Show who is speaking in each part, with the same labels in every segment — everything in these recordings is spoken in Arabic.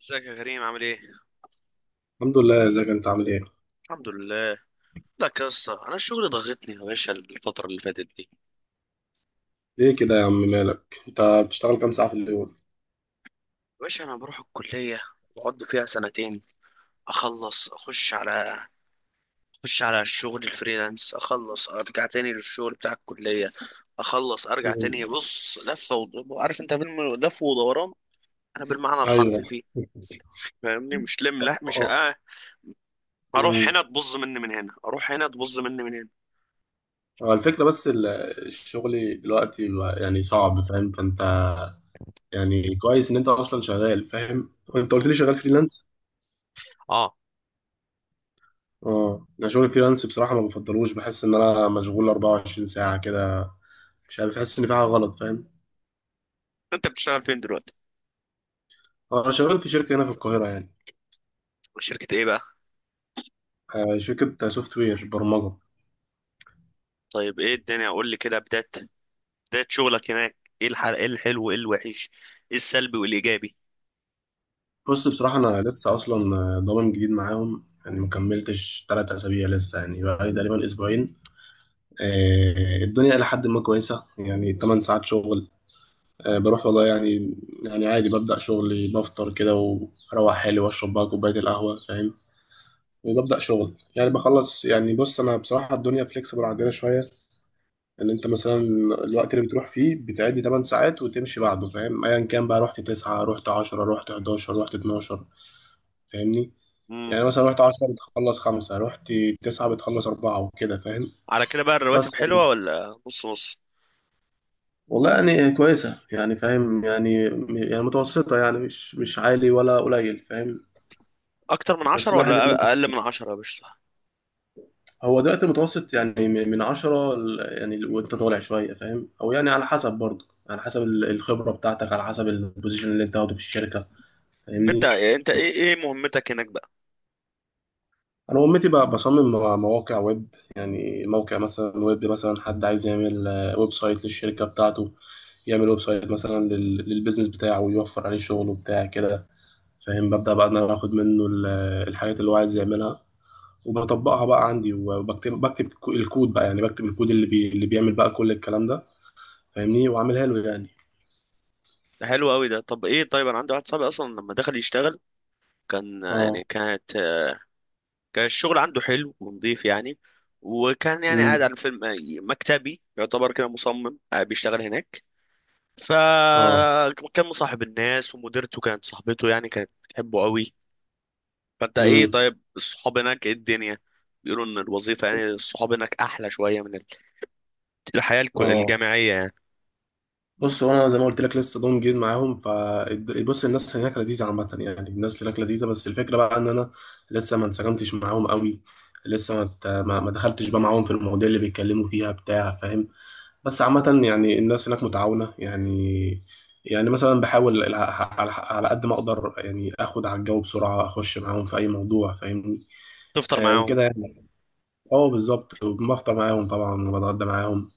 Speaker 1: ازيك يا كريم عامل ايه؟
Speaker 2: الحمد لله، ازيك انت عامل ايه؟
Speaker 1: الحمد لله. لك يا اسطى، انا الشغل ضغطني يا باشا الفترة اللي فاتت دي. يا
Speaker 2: ليه كده يا عم مالك؟ انت بتشتغل كام ساعة في اليوم؟
Speaker 1: باشا انا بروح الكلية، بقعد فيها سنتين، اخلص اخش على الشغل الفريلانس، اخلص ارجع تاني للشغل بتاع الكلية، اخلص ارجع تاني.
Speaker 2: مم.
Speaker 1: بص لفة عارف انت فيلم لف ودوران، انا بالمعنى
Speaker 2: ايوه.
Speaker 1: الحرفي فيه. فاهمني، مش لم لا مش
Speaker 2: اه.
Speaker 1: اروح
Speaker 2: مم.
Speaker 1: هنا تبظ مني من هنا، اروح هنا تبظ مني من هنا.
Speaker 2: هو الفكرة بس الشغل دلوقتي بقى يعني صعب فاهم؟ فانت يعني كويس ان انت اصلا شغال، فاهم؟ انت قلت لي شغال فريلانس؟
Speaker 1: اه.
Speaker 2: اه، انا شغل فريلانس بصراحة ما بفضلوش، بحس ان انا مشغول 24 ساعة كده، مش عارف، بحس ان في حاجة غلط، فاهم؟
Speaker 1: انت بتشتغل فين دلوقتي؟
Speaker 2: انا شغال في شركة هنا في القاهرة يعني،
Speaker 1: شركة ايه بقى؟
Speaker 2: شركة سوفت وير، برمجة.
Speaker 1: طيب ايه الدنيا، قول لي كده بداية بداية شغلك هناك، ايه الحلو وايه الوحش، ايه السلبي والايجابي.
Speaker 2: بص بصراحة أنا لسه أصلا ضامن جديد معاهم، يعني مكملتش تلات أسابيع لسه، يعني بقالي تقريبا أسبوعين. الدنيا إلى حد ما كويسة، يعني تمن ساعات شغل. بروح والله يعني، يعني عادي ببدأ شغلي، بفطر كده وأروح حالي وأشرب بقى كوباية القهوة، فاهم؟ وببدأ شغل، يعني بخلص يعني. بص أنا بصراحة الدنيا فليكسبل عندنا شوية، إن أنت مثلا الوقت اللي بتروح فيه بتعدي تمن ساعات وتمشي بعده، فاهم؟ أيا كان، بقى رحت تسعة، رحت عشرة، رحت حداشر، رحت اتناشر، فاهمني؟
Speaker 1: امم
Speaker 2: يعني مثلا رحت 10 بتخلص خمسة، رحت 9 بتخلص أربعة، وكده فاهم.
Speaker 1: على كده بقى الرواتب
Speaker 2: بس
Speaker 1: حلوة ولا نص نص؟
Speaker 2: والله يعني كويسة يعني، فاهم يعني، يعني متوسطة يعني، مش مش عالي ولا قليل، فاهم.
Speaker 1: اكتر من
Speaker 2: بس
Speaker 1: عشرة
Speaker 2: الواحد
Speaker 1: ولا
Speaker 2: يعني،
Speaker 1: اقل من عشرة يا باشا؟
Speaker 2: هو دلوقتي المتوسط يعني من عشرة يعني وانت طالع شوية، فاهم؟ أو يعني على حسب برضه، على حسب الخبرة بتاعتك، على حسب البوزيشن اللي انت واخده في الشركة،
Speaker 1: انت
Speaker 2: فاهمني؟
Speaker 1: انت ايه مهمتك هناك بقى؟
Speaker 2: انا امتي بقى بصمم مواقع ويب، يعني موقع مثلا ويب، مثلا حد عايز يعمل ويب سايت للشركه بتاعته، يعمل ويب سايت مثلا للبيزنس بتاعه، ويوفر عليه شغل وبتاع كده، فاهم. ببدا بقى ان انا اخد منه الحاجات اللي هو عايز يعملها، وبطبقها بقى عندي، وبكتب الكود بقى، يعني بكتب الكود اللي اللي بيعمل بقى كل الكلام ده، فاهمني، واعملها له يعني.
Speaker 1: ده حلو قوي ده. طب ايه، طيب انا عندي واحد صاحبي اصلا لما دخل يشتغل، كان
Speaker 2: اه.
Speaker 1: يعني كان الشغل عنده حلو ونظيف يعني، وكان يعني قاعد
Speaker 2: امم
Speaker 1: على فيلم مكتبي، يعتبر كده مصمم، بيشتغل هناك.
Speaker 2: اه.
Speaker 1: فكان مصاحب الناس، ومديرته كانت صاحبته يعني، كانت بتحبه قوي. فانت ايه؟
Speaker 2: امم
Speaker 1: طيب الصحاب هناك، ايه الدنيا؟ بيقولوا ان الوظيفة يعني الصحاب هناك احلى شوية من الحياة
Speaker 2: اه
Speaker 1: الجامعية يعني.
Speaker 2: بص، هو انا زي ما قلت لك لسه ضم جديد معاهم، ف بص، الناس هناك لذيذه عامه، يعني الناس هناك لذيذه، بس الفكره بقى ان انا لسه ما انسجمتش معاهم قوي، لسه ما ت- ما ما دخلتش بقى معاهم في المواضيع اللي بيتكلموا فيها بتاع، فاهم. بس عامه يعني الناس هناك متعاونه يعني، يعني مثلا بحاول على قد ما اقدر يعني اخد على الجو بسرعه، اخش معاهم في اي موضوع، فاهمني.
Speaker 1: تفطر
Speaker 2: آه
Speaker 1: معاهم.
Speaker 2: وكده يعني. اه بالظبط، بفطر معاهم طبعا، وبتغدى معاهم،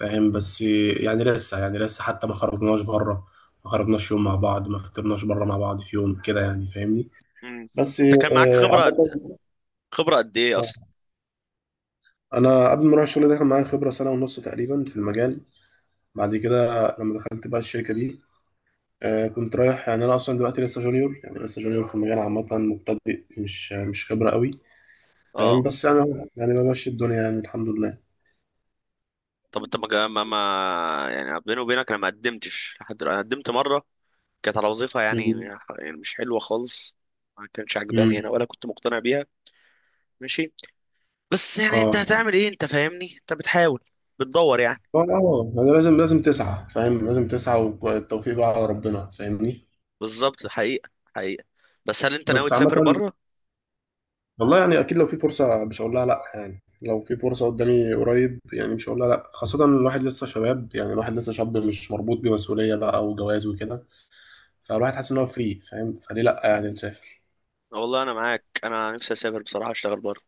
Speaker 2: فاهم. بس يعني لسه، يعني لسه حتى ما خرجناش بره، ما خرجناش يوم مع بعض، ما فطرناش بره مع بعض في يوم كده يعني، فاهمني.
Speaker 1: مم.
Speaker 2: بس
Speaker 1: انت كان معاك
Speaker 2: عامة.
Speaker 1: خبرة قد ايه اصلا؟
Speaker 2: آه، انا قبل ما اروح الشغل ده كان معايا خبرة سنة ونص تقريبا في المجال. بعد كده لما دخلت بقى الشركة دي، كنت رايح يعني، انا اصلا دلوقتي لسه جونيور، يعني لسه جونيور في المجال عامة، مبتدئ، مش مش خبرة قوي، فاهم.
Speaker 1: اه.
Speaker 2: بس يعني، يعني بمشي الدنيا يعني، الحمد لله.
Speaker 1: طب انت ما جا- ما ما- يعني بيني وبينك انا ما قدمتش لحد، انا قدمت مرة، كانت على وظيفة، يعني
Speaker 2: مم.
Speaker 1: يعني مش حلوة خالص، ما كانش عجباني
Speaker 2: مم.
Speaker 1: انا ولا كنت مقتنع بيها. ماشي، بس يعني انت
Speaker 2: اه.
Speaker 1: هتعمل ايه؟ انت فاهمني، انت بتحاول، بتدور يعني.
Speaker 2: اه. انا لازم، لازم تسعى فاهم، لازم تسعى، والتوفيق بقى على ربنا، فاهمني.
Speaker 1: بالظبط. حقيقة حقيقة. بس هل انت ناوي
Speaker 2: بس عامة
Speaker 1: تسافر بره؟
Speaker 2: والله يعني اكيد لو في فرصة مش هقول لها لا، يعني لو في فرصة قدامي قريب يعني مش هقول لها لا، خاصة إن الواحد لسه شباب، يعني الواحد لسه شاب، مش مربوط بمسؤولية بقى وجواز وكده، فالواحد حاسس ان هو فري، فاهم؟ فليه لا، يعني نسافر.
Speaker 1: والله انا معاك، انا نفسي اسافر بصراحه، اشتغل بره.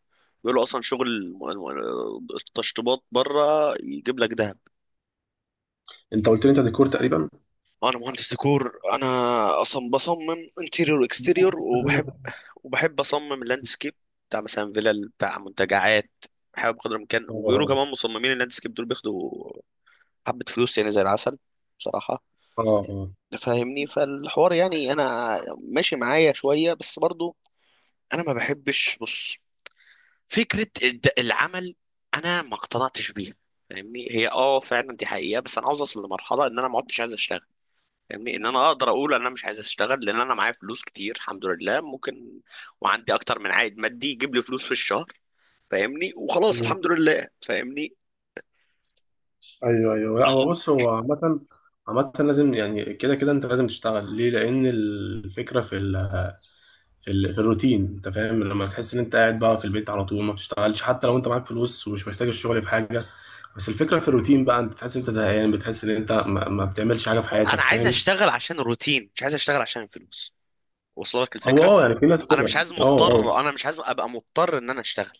Speaker 1: بيقولوا اصلا شغل التشطيبات بره يجيب لك دهب.
Speaker 2: انت قلت لي انت ديكور تقريبا.
Speaker 1: انا مهندس ديكور انا، اصلا بصمم انتيريور واكستيريور، وبحب اصمم اللاندسكيب بتاع مثلا فيلل، بتاع منتجعات، بحاول بقدر الامكان. وبيقولوا
Speaker 2: اه.
Speaker 1: كمان مصممين اللاندسكيب دول بياخدوا حبه فلوس يعني، زي العسل بصراحه.
Speaker 2: اه. اه.
Speaker 1: تفهمني، فالحوار يعني انا ماشي معايا شويه، بس برضو انا ما بحبش، بص، فكرة العمل أنا ما اقتنعتش بيها. فاهمني، هي اه فعلا دي حقيقة، بس أنا عاوز أوصل لمرحلة إن أنا ما عدتش عايز أشتغل. فاهمني، إن أنا أقدر أقول ان أنا مش عايز أشتغل لأن أنا معايا فلوس كتير الحمد لله، ممكن. وعندي أكتر من عائد مادي يجيب لي فلوس في الشهر، فاهمني، وخلاص
Speaker 2: مم.
Speaker 1: الحمد لله. فاهمني،
Speaker 2: ايوه، ايوه، لا، هو بص هو عامة، عامة لازم، يعني كده كده انت لازم تشتغل ليه؟ لأن الفكرة في ال، في الروتين انت فاهم، لما تحس ان انت قاعد بقى في البيت على طول، ما بتشتغلش حتى لو انت معاك فلوس ومش محتاج الشغل في حاجه، بس الفكره في الروتين بقى، انت تحس ان انت زهقان، بتحس ان انت ما بتعملش حاجه في
Speaker 1: أنا
Speaker 2: حياتك،
Speaker 1: عايز
Speaker 2: فاهم.
Speaker 1: أشتغل عشان الروتين، مش عايز أشتغل عشان الفلوس. وصل لك
Speaker 2: او
Speaker 1: الفكرة؟
Speaker 2: اه، يعني في ناس
Speaker 1: أنا
Speaker 2: كده.
Speaker 1: مش عايز
Speaker 2: اه. اه
Speaker 1: مضطر أنا مش عايز أبقى مضطر إن أنا أشتغل.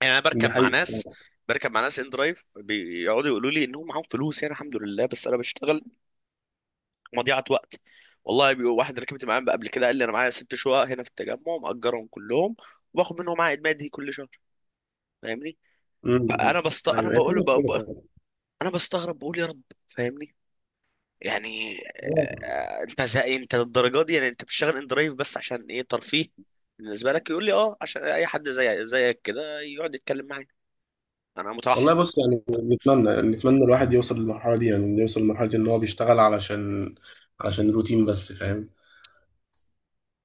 Speaker 1: يعني انا
Speaker 2: دي
Speaker 1: بركب مع
Speaker 2: حقيقه،
Speaker 1: ناس، بركب مع ناس ان درايف بيقعدوا يقولوا لي انهم معاهم فلوس، يعني الحمد لله، بس انا بشتغل. مضيعه وقت. والله واحد ركبت معاه قبل كده قال لي انا معايا ست شقق هنا في التجمع، مأجرهم كلهم، وباخد منهم عائد مادي كل شهر. فاهمني،
Speaker 2: امم إمم.
Speaker 1: فانا بست انا
Speaker 2: ايوه هي في
Speaker 1: بقول ب...
Speaker 2: ناس كده
Speaker 1: ب...
Speaker 2: فعلا.
Speaker 1: انا بستغرب، بقول يا رب. فاهمني يعني،
Speaker 2: آه.
Speaker 1: انت زي للدرجه دي يعني؟ انت بتشتغل ان درايف بس عشان ايه، ترفيه بالنسبه لك؟ يقول لي اه عشان اي حد زي زيك كده يقعد يتكلم معايا، انا متوحد.
Speaker 2: والله بص يعني، نتمنى نتمنى الواحد يوصل للمرحله دي، يعني إنه يوصل لمرحله ان هو بيشتغل علشان علشان روتين بس، فاهم.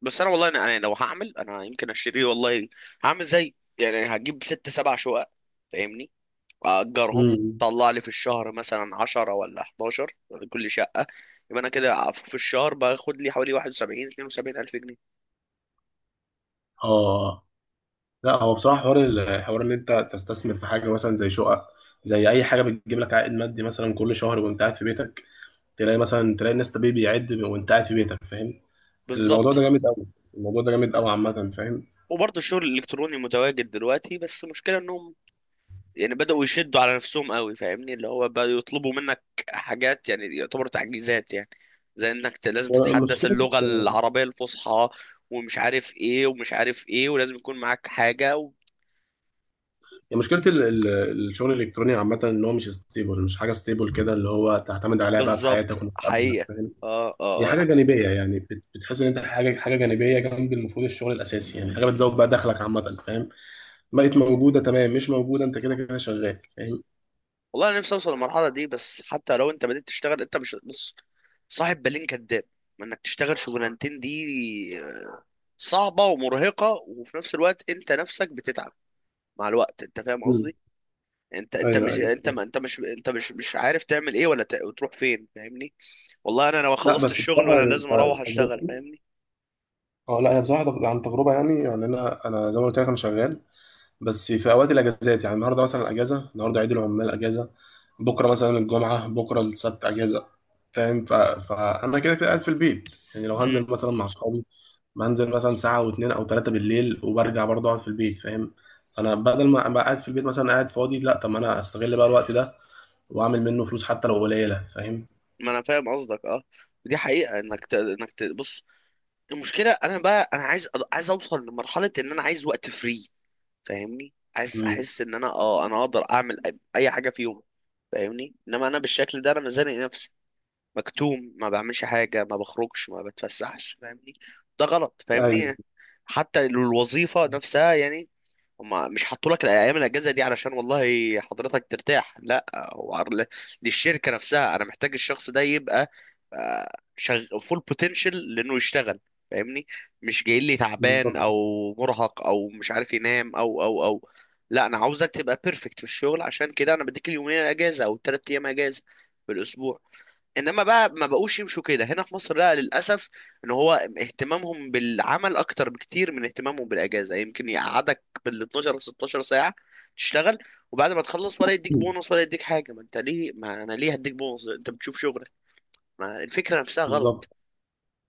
Speaker 1: بس انا والله انا لو هعمل انا يمكن اشتري، والله هعمل زي يعني، هجيب ست سبع شقق، فاهمني، واجرهم
Speaker 2: امم
Speaker 1: طلع لي في الشهر مثلا 10 ولا 11 كل شقه، يبقى انا كده في الشهر باخد لي حوالي 71 72 الف جنيه.
Speaker 2: اه لا، هو بصراحة حوار، الحوار ان انت تستثمر في حاجة مثلا زي شقق، زي اي حاجة بتجيب لك عائد مادي مثلا كل شهر وانت قاعد في بيتك، تلاقي مثلا، تلاقي الناس طبيعي بيعد وانت قاعد في بيتك، فاهم. الموضوع ده
Speaker 1: بالظبط.
Speaker 2: جامد قوي، الموضوع ده جامد قوي عامة، فاهم.
Speaker 1: وبرضه الشغل الالكتروني متواجد دلوقتي، بس المشكله انهم يعني بدأوا يشدوا على نفسهم قوي، فاهمني، اللي هو بدأوا يطلبوا منك حاجات يعني يعتبر تعجيزات يعني، زي انك لازم
Speaker 2: هو
Speaker 1: تتحدث
Speaker 2: مشكلة،
Speaker 1: اللغة العربية الفصحى، ومش عارف ايه ومش عارف ايه، ولازم يكون معاك حاجة
Speaker 2: هي مشكلة الشغل الالكتروني عامة، ان هو مش ستيبل، مش حاجة ستيبل كده اللي هو تعتمد عليها بقى في حياتك
Speaker 1: بالظبط.
Speaker 2: ومستقبلك،
Speaker 1: حقيقة.
Speaker 2: فاهم.
Speaker 1: اه
Speaker 2: هي
Speaker 1: اه
Speaker 2: حاجة جانبية، يعني بتحس ان انت حاجة، حاجة جانبية جنب المفروض الشغل الاساسي، يعني حاجة بتزود بقى دخلك عامة، فاهم. بقت موجودة تمام، مش موجودة انت كده كده شغال، فاهم.
Speaker 1: والله انا نفسي اوصل للمرحلة دي، بس حتى لو انت بدأت تشتغل انت مش، بص، صاحب بالين كداب، ما انك تشتغل شغلانتين دي صعبة ومرهقة، وفي نفس الوقت انت نفسك بتتعب مع الوقت، انت فاهم
Speaker 2: مم.
Speaker 1: قصدي. انت انت
Speaker 2: ايوه،
Speaker 1: مش
Speaker 2: ايوه،
Speaker 1: انت ما انت مش انت مش مش عارف تعمل ايه وتروح فين، فاهمني. والله انا لو
Speaker 2: لا
Speaker 1: خلصت
Speaker 2: بس
Speaker 1: الشغل
Speaker 2: بصراحة
Speaker 1: وانا
Speaker 2: يعني
Speaker 1: لازم اروح اشتغل،
Speaker 2: تجربتي،
Speaker 1: فاهمني.
Speaker 2: اه لا، هي بصراحة عن تجربة يعني، يعني انا، انا زي ما قلت لك انا شغال، بس في اوقات الاجازات، يعني النهارده مثلا اجازة، النهارده عيد العمال اجازة، بكرة مثلا الجمعة، بكرة السبت اجازة، فاهم. فانا كده كده قاعد في البيت، يعني لو
Speaker 1: امم
Speaker 2: هنزل مثلا مع اصحابي، بنزل مثلا ساعة واتنين او تلاتة بالليل، وبرجع برضه اقعد في البيت، فاهم. انا بدل ما ابقى قاعد في البيت مثلا قاعد فاضي، لا طب ما انا استغل بقى الوقت ده واعمل منه فلوس حتى لو قليله، فاهم.
Speaker 1: ما انا فاهم قصدك اه. ودي حقيقة بص، المشكلة انا بقى انا عايز عايز اوصل لمرحلة ان انا عايز وقت فري، فاهمني، عايز
Speaker 2: امم
Speaker 1: احس ان انا اه انا اقدر اعمل أي حاجة في يوم. فاهمني، انما انا بالشكل ده انا مزنق نفسي، مكتوم، ما بعملش حاجة، ما بخرجش، ما بتفسحش، فاهمني، ده غلط.
Speaker 2: ايوه،
Speaker 1: فاهمني، حتى الوظيفة نفسها يعني، هما مش حطوا لك الايام الاجازه دي علشان والله حضرتك ترتاح، لا، هو عر- للشركه نفسها انا محتاج الشخص ده يبقى فول بوتنشال لانه يشتغل، فاهمني، مش جاي لي تعبان او
Speaker 2: بالظبط.
Speaker 1: مرهق او مش عارف ينام او لا، انا عاوزك تبقى بيرفكت في الشغل، عشان كده انا بديك اليومين اجازه او الثلاث ايام اجازه في الاسبوع. انما بقى ما بقوش يمشوا كده هنا في مصر، لا للاسف، ان هو اهتمامهم بالعمل اكتر بكتير من اهتمامهم بالاجازه، يمكن يقعدك بال 12 16 ساعه تشتغل، وبعد ما تخلص ولا يديك بونص ولا يديك حاجه. ما انت ليه، ما انا ليه هديك بونص، انت بتشوف شغلك. ما الفكره نفسها
Speaker 2: بالظبط.
Speaker 1: غلط،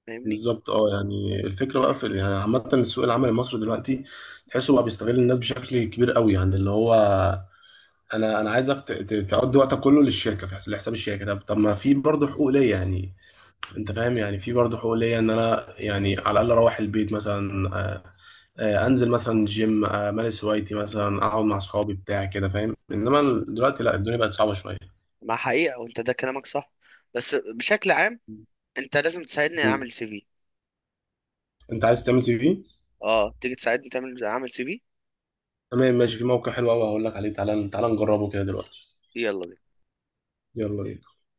Speaker 1: فاهمني.
Speaker 2: بالظبط اه، يعني الفكره بقى في، يعني عامه السوق العمل المصري دلوقتي، تحسه بقى بيستغل الناس بشكل كبير قوي، يعني اللي هو انا، انا عايزك تقضي وقتك كله للشركه في لحساب الشركه، طب طب ما في برضه حقوق ليا يعني، انت فاهم يعني، في برضه حقوق ليا ان انا يعني على الاقل اروح البيت مثلا، انزل مثلا جيم، امارس هوايتي، مثلا اقعد مع اصحابي بتاع كده، فاهم. انما دلوقتي لا، الدنيا بقت صعبه
Speaker 1: ما حقيقه، وانت ده كلامك صح، بس بشكل عام
Speaker 2: شويه.
Speaker 1: انت لازم تساعدني اعمل سي في.
Speaker 2: انت عايز تعمل سي في؟
Speaker 1: اه تيجي تساعدني اعمل سي في.
Speaker 2: تمام ماشي، في موقع حلو قوي هقول لك عليه، تعالى تعالى نجربه كده دلوقتي.
Speaker 1: يلا بينا.
Speaker 2: يلا بينا.